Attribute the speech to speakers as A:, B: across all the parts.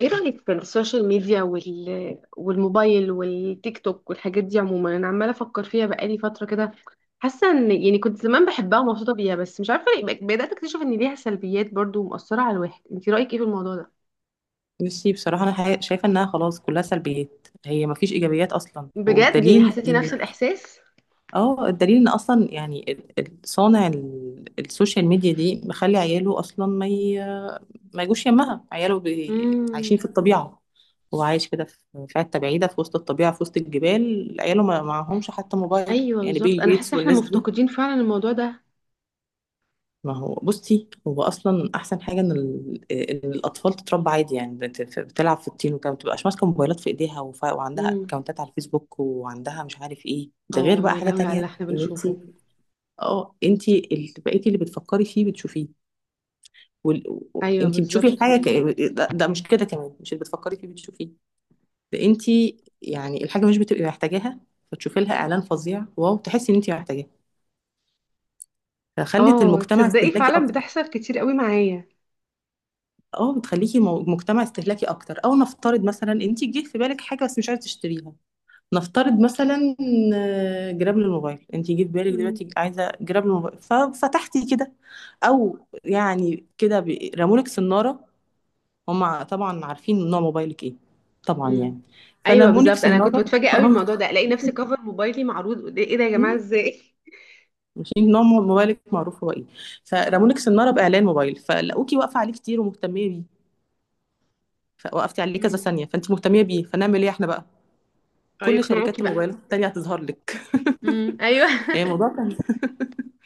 A: ايه رأيك في السوشيال ميديا والموبايل والتيك توك والحاجات دي عموما، انا عمالة افكر فيها بقالي فترة كده. حاسة ان يعني كنت زمان بحبها ومبسوطة بيها، بس مش عارفة ليه بدأت اكتشف ان ليها سلبيات برضو ومؤثرة على الواحد. انت رأيك ايه في الموضوع ده؟
B: بصي، بصراحة أنا شايفة إنها خلاص كلها سلبيات. هي مفيش إيجابيات أصلا،
A: بجد يعني
B: والدليل
A: حسيتي نفس
B: إن-
A: الاحساس؟
B: اه الدليل إن أصلا يعني صانع السوشيال ميديا دي مخلي عياله أصلا ما يجوش يمها. عياله عايشين في
A: امم.
B: الطبيعة. هو عايش كده في حتة بعيدة، في وسط الطبيعة، في وسط الجبال. عياله ما معهمش حتى موبايل،
A: ايوه
B: يعني
A: بالظبط،
B: بيل
A: انا
B: جيتس
A: حاسة احنا
B: والناس دي.
A: مفتقدين فعلا الموضوع ده.
B: ما هو بصي، هو اصلا احسن حاجه ان إن الاطفال تتربى عادي، يعني بتلعب في الطين وكده، ما بتبقاش ماسكه موبايلات في ايديها وعندها
A: امم.
B: اكونتات على الفيسبوك، وعندها مش عارف ايه. ده غير
A: اه
B: بقى
A: يا
B: حاجه
A: لهوي على اللي
B: تانية،
A: احنا
B: ان انت.
A: بنشوفه.
B: اه، انت اللي بقيتي اللي بتفكري فيه بتشوفيه. وال...
A: ايوه
B: انت بتشوفي
A: بالظبط.
B: الحاجه ده مش كده؟ كمان مش اللي بتفكري فيه بتشوفيه؟ ده انت يعني الحاجه مش بتبقي محتاجاها، فتشوفي لها اعلان فظيع، واو، تحسي ان انت محتاجاها. فخلت
A: اه
B: المجتمع
A: تصدقي
B: استهلاكي.
A: فعلا بتحصل كتير قوي معايا.
B: اه، بتخليكي مجتمع استهلاكي اكتر. او نفترض مثلا، انت جه في بالك حاجه بس مش عايزه تشتريها. نفترض مثلا، جراب للموبايل. انت جه في بالك دلوقتي عايزه جراب للموبايل، ففتحتي كده. او يعني كده، رمولك سناره. هم طبعا عارفين نوع موبايلك ايه، طبعا
A: مم.
B: يعني.
A: ايوه
B: فرمولك
A: بالظبط، انا كنت
B: سناره.
A: بتفاجئ قوي
B: اه.
A: الموضوع ده. الاقي نفسي كفر موبايلي معروض ايه ده يا جماعه،
B: مم.
A: ازاي؟
B: عارفين نوع موبايلك معروف هو ايه. فرمولك سناره باعلان موبايل، فلقوكي واقفه عليه كتير ومهتميه بيه. فوقفتي عليه كذا
A: مم.
B: ثانيه، فانت مهتميه بيه، فنعمل ايه احنا بقى؟
A: اه
B: كل شركات
A: يقنعوكي بقى.
B: الموبايلات التانية هتظهر لك.
A: ايوه
B: يعني الموضوع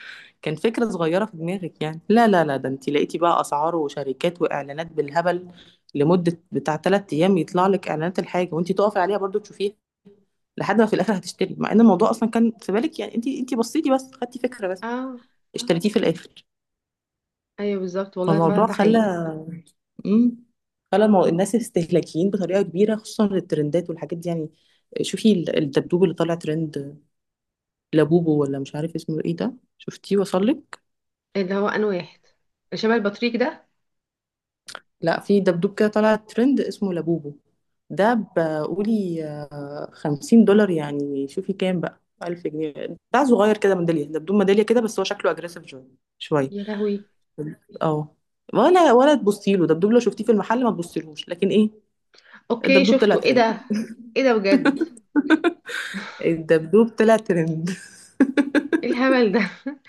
B: كان فكرة صغيرة في دماغك يعني. لا لا لا، ده انت لقيتي بقى اسعار وشركات واعلانات بالهبل، لمدة بتاع 3 ايام يطلع لك اعلانات الحاجة، وانت تقفي عليها برضو تشوفيها، لحد ما في الاخر هتشتري. مع ان الموضوع اصلا كان في بالك، يعني انت بصيتي بس، خدتي فكرة بس.
A: اه.
B: اشتريتيه في الاخر.
A: ايوه بالظبط والله فعلا
B: فالموضوع
A: ده
B: خلى.
A: حقيقي.
B: امم خلى الناس استهلاكيين بطريقة كبيرة، خصوصا الترندات والحاجات دي يعني. شوفي الدبدوب اللي طالع ترند، لابوبو ولا مش عارف اسمه ايه ده. شفتيه؟ وصل لك؟
A: اللي هو انا واحد اللي شبه البطريق ده؟
B: لا، في دبدوب كده طلع ترند اسمه لابوبو. ده بقولي 50 دولار، يعني شوفي كام بقى. 1000 جنيه. بتاع صغير كده، ميدالية دبدوب، ميدالية كده، بس هو شكله أجريسيف شوية. شوية.
A: يا لهوي.
B: اه. ولا تبصي له، دبدوب لو شفتيه في المحل ما تبصيلهوش. لكن ايه،
A: اوكي
B: الدبدوب طلع
A: شفته، ايه
B: ترند.
A: ده؟ ايه ده بجد؟
B: الدبدوب طلع ترند.
A: ايه الهبل ده؟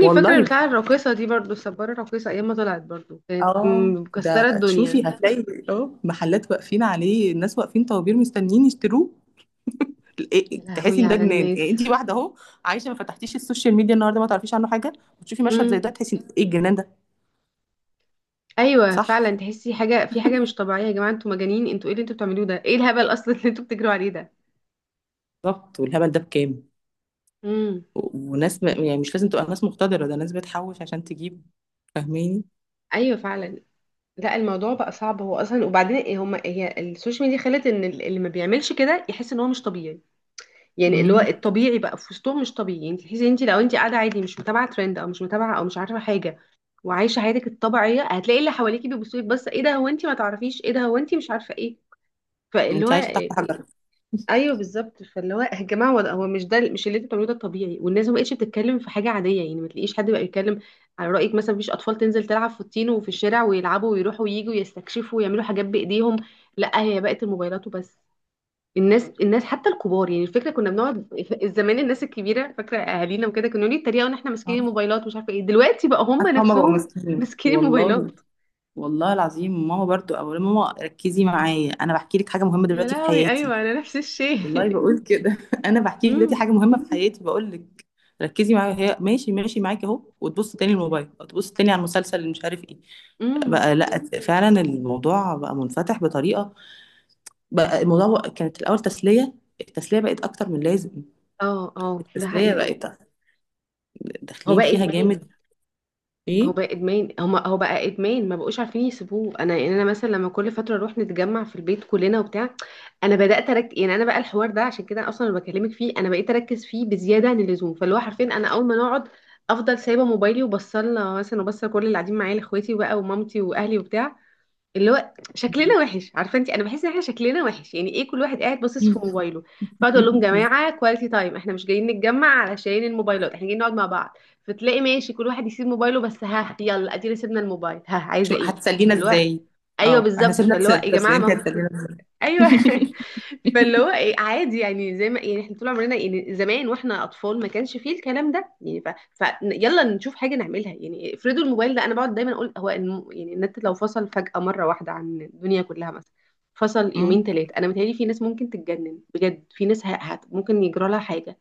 A: فاكره
B: والله
A: بتاع الراقصه دي برضو، السباره الراقصه، ايام ما طلعت برضو كانت
B: اه ده
A: مكسره
B: شوفي،
A: الدنيا.
B: هتلاقي محلات واقفين عليه، الناس واقفين طوابير مستنيين يشتروه.
A: يا
B: تحسي
A: لهوي
B: ان ده
A: على
B: جنان. يعني
A: الناس.
B: انت واحده اهو عايشه، ما فتحتيش السوشيال ميديا النهارده ما تعرفيش عنه حاجه، وتشوفي مشهد زي
A: مم.
B: ده، تحسي إن ايه الجنان ده.
A: ايوه
B: صح،
A: فعلا، تحسي حاجه في حاجه مش طبيعيه. يا جماعه انتوا مجانين، انتوا ايه اللي انتوا بتعملوه ده، ايه الهبل اصلا اللي انتوا بتجروا عليه ده؟
B: بالظبط. والهبل ده بكام.
A: امم.
B: وناس، يعني مش لازم تبقى ناس مقتدره، ده ناس بتحوش عشان تجيب. فاهماني؟
A: ايوه فعلا. لا الموضوع بقى صعب هو اصلا. وبعدين إيه هما، هي السوشيال ميديا خلت ان اللي ما بيعملش كده يحس ان هو مش طبيعي. يعني اللي هو
B: امم
A: الطبيعي بقى في وسطهم مش طبيعي. انت تحسي، انت لو انت قاعده عادي، مش متابعه ترند او مش متابعه او مش عارفه حاجه وعايشه حياتك الطبيعيه، هتلاقي اللي حواليكي بيبصوا لك، بس ايه ده؟ هو انت ما تعرفيش ايه ده؟ هو انت مش عارفه ايه؟ فاللي هو
B: انت عايشه تحت حجر.
A: ايوه بالظبط. فاللي هو يا جماعه، هو هو مش ده، مش اللي انتوا بتعملوه ده الطبيعي. والناس ما بقتش بتتكلم في حاجه عاديه، يعني ما تلاقيش حد بقى يتكلم على رايك. مثلا مفيش اطفال تنزل تلعب في الطين وفي الشارع ويلعبوا ويروحوا وييجوا ويستكشفوا ويعملوا حاجات بايديهم. لا، هي بقت الموبايلات وبس. الناس، الناس حتى الكبار، يعني الفكره كنا بنقعد زمان، الناس الكبيره، فاكره اهالينا وكده كانوا يقولوا يتريقوا ان احنا ماسكين
B: آه.
A: الموبايلات ومش عارفه ايه، دلوقتي بقى هم
B: حتى هما بقوا
A: نفسهم
B: ماسكين
A: ماسكين
B: والله.
A: الموبايلات.
B: والله العظيم، ماما برضو، او ماما ركزي معايا، انا بحكي لك حاجه مهمه
A: يا
B: دلوقتي في
A: لهوي
B: حياتي.
A: ايوه، انا نفس الشيء.
B: والله بقول كده. انا بحكي لك دلوقتي
A: امم.
B: حاجه مهمه في حياتي، بقول لك ركزي معايا. هي ماشي، ماشي معاكي اهو، وتبص تاني الموبايل، وتبص تاني على المسلسل اللي مش عارف ايه.
A: امم.
B: بقى لا، فعلا الموضوع بقى منفتح بطريقه. بقى الموضوع كانت الاول تسليه. التسليه بقت اكتر من لازم.
A: اه. اه ده
B: التسليه
A: حقيقي.
B: بقت
A: هو
B: داخلين
A: بقى
B: فيها
A: ادمان.
B: جامد.
A: هو
B: ايه؟
A: بقى ادمان هو هو بقى ادمان ما بقوش عارفين يسيبوه. يعني انا مثلا لما كل فتره نروح نتجمع في البيت كلنا وبتاع، انا بدات اركز. يعني انا بقى الحوار ده عشان كده اصلا اللي بكلمك فيه، انا بقيت اركز فيه بزياده عن اللزوم. فاللي هو حرفيا انا اول ما نقعد افضل سايبه موبايلي وبصلنا مثلا، وبصل كل اللي قاعدين معايا، لاخواتي بقى ومامتي واهلي وبتاع. اللي هو شكلنا وحش، عارفه انت، انا بحس ان احنا شكلنا وحش. يعني ايه كل واحد قاعد باصص في موبايله؟ فاقعد اقول لهم جماعه كواليتي تايم، احنا مش جايين نتجمع علشان الموبايلات، احنا جايين نقعد مع بعض. فتلاقي ماشي كل واحد يسيب موبايله، بس ها يلا ادينا سيبنا الموبايل، ها عايزه
B: شو
A: ايه؟
B: هتسلينا
A: فاللي هو
B: ازاي؟
A: ايوه
B: اه، احنا
A: بالظبط.
B: سيبنا
A: فاللي هو يا
B: التسليه،
A: جماعه
B: انت
A: ما
B: هتسلينا ازاي؟
A: ايوه فاللي هو ايه عادي، يعني زي ما يعني احنا طول عمرنا، يعني زمان واحنا اطفال ما كانش فيه الكلام ده يعني ف يلا نشوف حاجه نعملها. يعني افرضوا الموبايل ده، انا بقعد دايما اقول هو يعني النت لو فصل فجاه مره واحده عن الدنيا كلها مثلا، فصل
B: أمم.
A: يومين ثلاثه، انا متهيألي في ناس ممكن تتجنن بجد. في ناس ممكن يجرى لها حاجه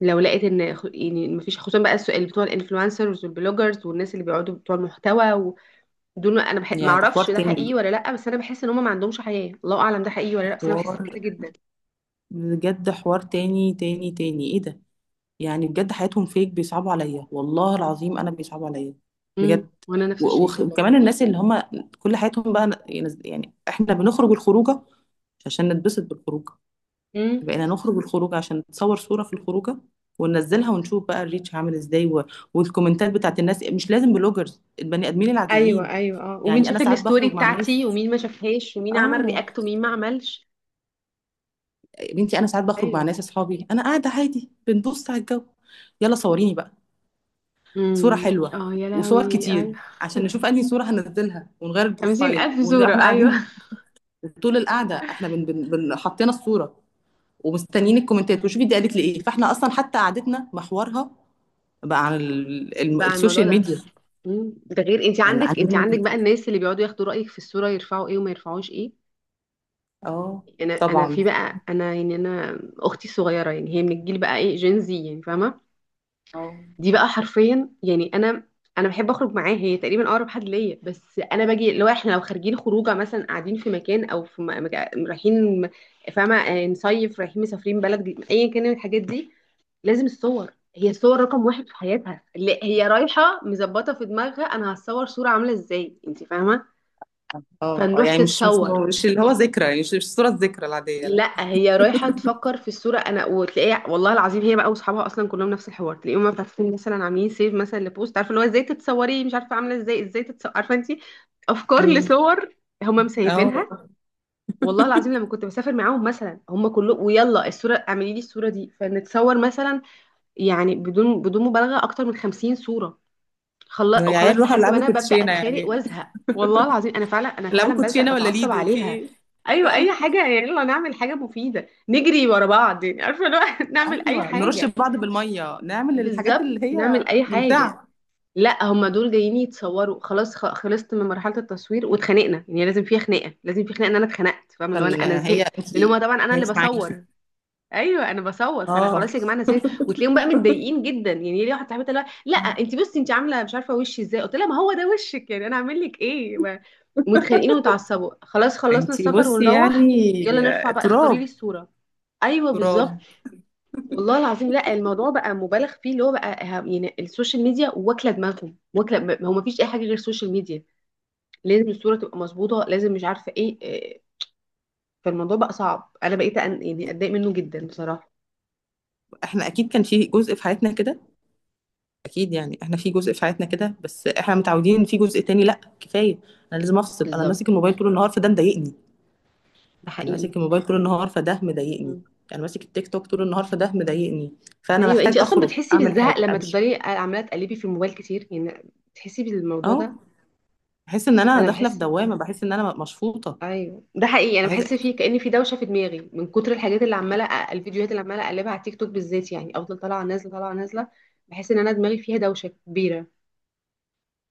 A: لو لقيت ان يعني مفيش، خصوصا بقى السؤال بتوع الانفلونسرز والبلوجرز والناس اللي بيقعدوا بتوع المحتوى دول. ما انا ما
B: يا ده حوار
A: اعرفش ده
B: تاني.
A: حقيقي ولا لا، بس انا بحس ان هم ما عندهمش حياة. الله اعلم ده حقيقي ولا لا، بس انا بحس
B: حوار
A: كده جدا.
B: بجد. حوار تاني تاني تاني. ايه ده؟ يعني بجد حياتهم فيك بيصعبوا عليا، والله العظيم انا بيصعبوا عليا
A: امم،
B: بجد.
A: وانا نفس الشيء والله.
B: وكمان الناس اللي هم كل حياتهم بقى يعني احنا بنخرج الخروجه مش عشان نتبسط بالخروجه.
A: امم.
B: بقينا نخرج الخروجه عشان نتصور صوره في الخروجه، وننزلها ونشوف بقى الريتش عامل ازاي، والكومنتات بتاعت الناس، مش لازم بلوجرز، البني ادمين العاديين.
A: ايوه، ايوه، اه. ومين
B: يعني انا
A: شاف
B: ساعات
A: الستوري
B: بخرج مع ناس.
A: بتاعتي ومين ما شافهاش، ومين عمل
B: اه
A: رياكت ومين ما عملش.
B: يا بنتي، انا ساعات بخرج مع
A: ايوه.
B: ناس اصحابي، انا قاعده عادي بنبص على الجو. يلا صوريني بقى. صورة حلوة،
A: اه يا
B: وصور
A: لهوي
B: كتير،
A: ايوه.
B: عشان نشوف انهي صورة هننزلها ونغير
A: 50
B: البروفايل
A: الف صورة
B: واحنا
A: ايوه
B: قاعدين. طول القعدة احنا بن بن بن حطينا الصورة، ومستنيين الكومنتات وشوفي دي قالت لي ايه. فاحنا اصلا حتى قعدتنا محورها بقى عن
A: بقى على الموضوع
B: السوشيال
A: ده.
B: ميديا.
A: امم. ده غير انت
B: عن.
A: عندك انت عندك بقى الناس اللي بيقعدوا ياخدوا رأيك في الصورة يرفعوا ايه وما يرفعوش ايه.
B: اه.
A: انا في
B: طبعا.
A: بقى، انا يعني انا اختي الصغيرة، يعني هي من الجيل بقى ايه، جينزي يعني، فاهمة؟
B: اه.
A: دي بقى حرفيا يعني انا، انا بحب اخرج معاه، هي تقريبا اقرب حد ليا. بس انا باجي لو احنا لو خارجين خروجه مثلا، قاعدين في مكان او في رايحين م- فاهمه، نصيف، رايحين مسافرين بلد جديد، ايا كان من الحاجات دي، لازم الصور. هي الصور رقم واحد في حياتها، اللي هي رايحه مظبطه في دماغها انا هتصور صوره عامله ازاي، انت فاهمه؟
B: اه
A: فنروح
B: يعني مش مش
A: تتصور.
B: مش اللي هو ذكرى، يعني مش الصورة الذكرى العادية، لا.
A: لا هي رايحه تفكر في الصوره، انا وتلاقيها، والله العظيم، هي بقى واصحابها اصلا كلهم نفس الحوار. تلاقيهم بقى فاتحين مثلا عاملين سيف مثلا لبوست، عارفه اللي هو ازاي تتصوري، مش عارفه عامله ازاي، ازاي تتصوري، عارفه انت، افكار
B: امم
A: لصور، هم مسيفينها.
B: اه،
A: والله العظيم لما كنت بسافر معاهم مثلا، هم كلهم ويلا الصوره، اعملي لي الصوره دي، فنتصور مثلا، يعني بدون مبالغه اكتر من 50 صوره.
B: يا
A: وخلاص
B: عيال روحوا
A: لحد ما
B: العبوا
A: انا ببدا
B: كوتشينة
A: اتخانق
B: يعني.
A: وازهق. والله العظيم انا فعلا، انا
B: العبوا
A: فعلا بزهق
B: كوتشينة ولا
A: بتعصب
B: ليدو، في
A: عليها.
B: ايه؟
A: ايوه
B: اه.
A: اي حاجه يعني، يلا نعمل حاجه مفيده، نجري ورا بعض يعني عارفه لو نعمل اي
B: أيوه، نرُش
A: حاجه.
B: بعض بالمَيّة، نعمل الحاجات
A: بالظبط
B: اللي هي
A: نعمل اي حاجه.
B: ممتعة،
A: لا هما دول جايين يتصوروا خلاص. خلصت من مرحله التصوير، واتخانقنا. يعني لازم فيها خناقه، لازم في خناقه، ان انا اتخنقت، فاهمه، اللي هو
B: عشان
A: انا، انا
B: هي
A: زهقت
B: أنتِ،
A: لان هما طبعا انا
B: هي
A: اللي
B: مش معاكِ.
A: بصور. ايوه انا بصور، فانا
B: آه،
A: خلاص يا جماعه انا نسيت. وتلاقيهم بقى متضايقين جدا، يعني ليه؟ واحده صاحبتي اللي هو لا انت بصي انت عامله مش عارفه وشي ازاي، قلت لها ما هو ده وشك يعني، انا اعمل لك ايه متخانقين ومتعصبوا. خلاص خلصنا
B: أنتِ
A: السفر
B: بُصّي يعني.
A: ونروح يلا نرفع بقى، اختاري لي
B: تراب،
A: الصوره. ايوه
B: تراب.
A: بالظبط. والله العظيم لا الموضوع بقى مبالغ فيه، اللي هو بقى يعني السوشيال ميديا واكله دماغهم، هو ما فيش اي حاجه غير السوشيال ميديا. لازم الصوره تبقى مظبوطه، لازم مش عارفه ايه. إيه. فالموضوع بقى صعب. انا بقيت يعني اتضايق منه جدا بصراحه.
B: إحنا أكيد كان في جزء في حياتنا كده. أكيد، يعني إحنا في جزء في حياتنا كده، بس إحنا متعودين إن في جزء تاني. لأ، كفاية، أنا لازم أفصل. أنا ماسك
A: بالظبط.
B: الموبايل طول النهار فده مضايقني.
A: ده
B: أنا
A: حقيقي.
B: ماسك الموبايل طول النهار فده مضايقني. أنا ماسك التيك توك طول النهار فده مضايقني. فأنا
A: ايوه انت
B: محتاج
A: اصلا
B: أخرج،
A: بتحسي
B: أعمل
A: بالزهق
B: حاجة،
A: لما
B: أمشي.
A: تفضلي عماله تقلبي في الموبايل كتير، يعني بتحسي بالموضوع
B: آه،
A: ده؟
B: باحس إن أنا
A: انا
B: داخلة في
A: بحس،
B: دوّامة، باحس إن أنا مشفوطة.
A: ايوه ده حقيقي انا
B: بحيث
A: بحس فيه. كأن في دوشه في دماغي من كتر الحاجات اللي عماله الفيديوهات اللي عماله اقلبها على تيك توك بالذات، يعني افضل طالعه نازله، طالعه نازله. بحس ان انا دماغي فيها دوشه كبيره.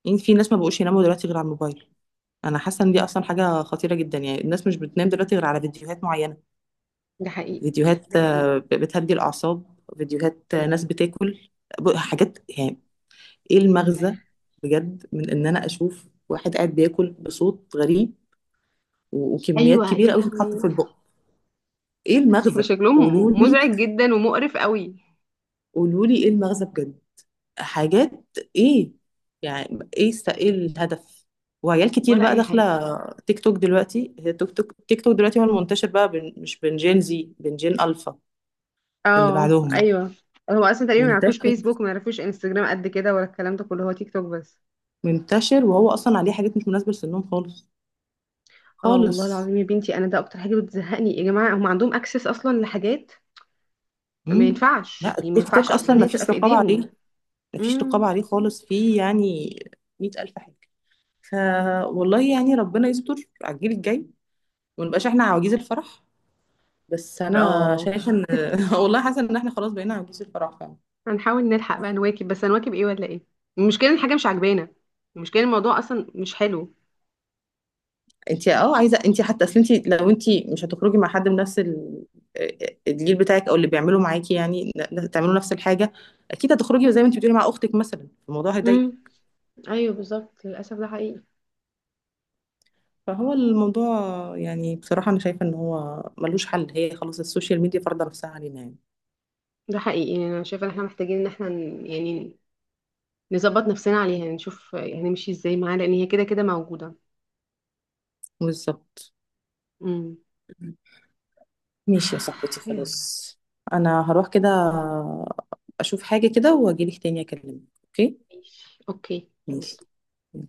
B: يعني في ناس ما بقوش يناموا دلوقتي غير على الموبايل. انا حاسه ان دي اصلا حاجه خطيره جدا. يعني الناس مش بتنام دلوقتي غير على فيديوهات معينه.
A: ده حقيقي.
B: فيديوهات
A: ده حقيقي.
B: بتهدي الاعصاب. فيديوهات ناس بتاكل حاجات يعني. ايه المغزى بجد من ان انا اشوف واحد قاعد بياكل بصوت غريب وكميات
A: ايوه يا
B: كبيره قوي تتحط في
A: لهوي
B: البق. ايه المغزى؟ قولوا
A: شكلهم
B: لي،
A: مزعج جدا ومقرف قوي.
B: قولوا لي ايه المغزى بجد. حاجات. ايه؟ يعني ايه، ايه الهدف. وعيال كتير
A: ولا
B: بقى
A: اي حاجه.
B: داخله تيك توك دلوقتي. هي تيك توك دلوقتي هو المنتشر بقى بين، مش بين جين زي، بين جين الفا اللي
A: اه
B: بعدهم.
A: ايوه. هو اصلا تقريبا ما يعرفوش
B: منتشر.
A: فيسبوك، ما يعرفوش انستجرام، قد كده ولا الكلام ده كله، هو تيك توك بس.
B: منتشر، وهو اصلا عليه حاجات مش مناسبه لسنهم خالص.
A: اه والله
B: خالص.
A: العظيم يا بنتي، انا ده اكتر حاجه بتزهقني. يا جماعه هم عندهم اكسس اصلا لحاجات ما
B: امم.
A: ينفعش،
B: لا،
A: يعني ما
B: التيك توك
A: ينفعش اصلا
B: اصلا
A: ان
B: ما
A: هي تبقى
B: فيش
A: في
B: رقابه
A: ايديهم.
B: عليه. ما فيش رقابه
A: امم.
B: عليه خالص، فيه يعني 100000 حاجه. ف والله يعني ربنا يستر على الجيل الجاي، ونبقاش احنا عواجيز الفرح. بس انا
A: اه.
B: شايفه ان والله حاسه ان احنا خلاص بقينا عجوز الفرح فعلا.
A: هنحاول نلحق بقى نواكب، بس هنواكب ايه ولا ايه؟ المشكله إن الحاجه مش عاجبانا، المشكله إن الموضوع اصلا مش حلو.
B: انت، عايزه انت، حتى اصل انت لو انت مش هتخرجي مع حد من نفس آه، الجيل بتاعك، او اللي بيعملوا معاكي يعني، تعملوا نفس الحاجه، اكيد هتخرجي زي ما انت بتقولي مع اختك مثلا، الموضوع هيضايق.
A: امم. ايوه بالظبط للاسف ده حقيقي.
B: فهو الموضوع، يعني بصراحه انا شايفه ان هو ملوش حل. هي خلاص السوشيال ميديا فرض نفسها علينا يعني.
A: ده حقيقي، يعني انا شايفه ان احنا محتاجين ان احنا يعني نظبط نفسنا عليها، نشوف يعني هنمشي ازاي معاها، لان هي كده كده موجوده.
B: بالظبط.
A: امم.
B: ماشي يا صاحبتي،
A: يلا.
B: خلاص. انا هروح كده اشوف حاجه كده واجيلك تاني اكلمك، اوكي؟
A: ماشي اوكي.
B: ماشي.
A: يلا.
B: و...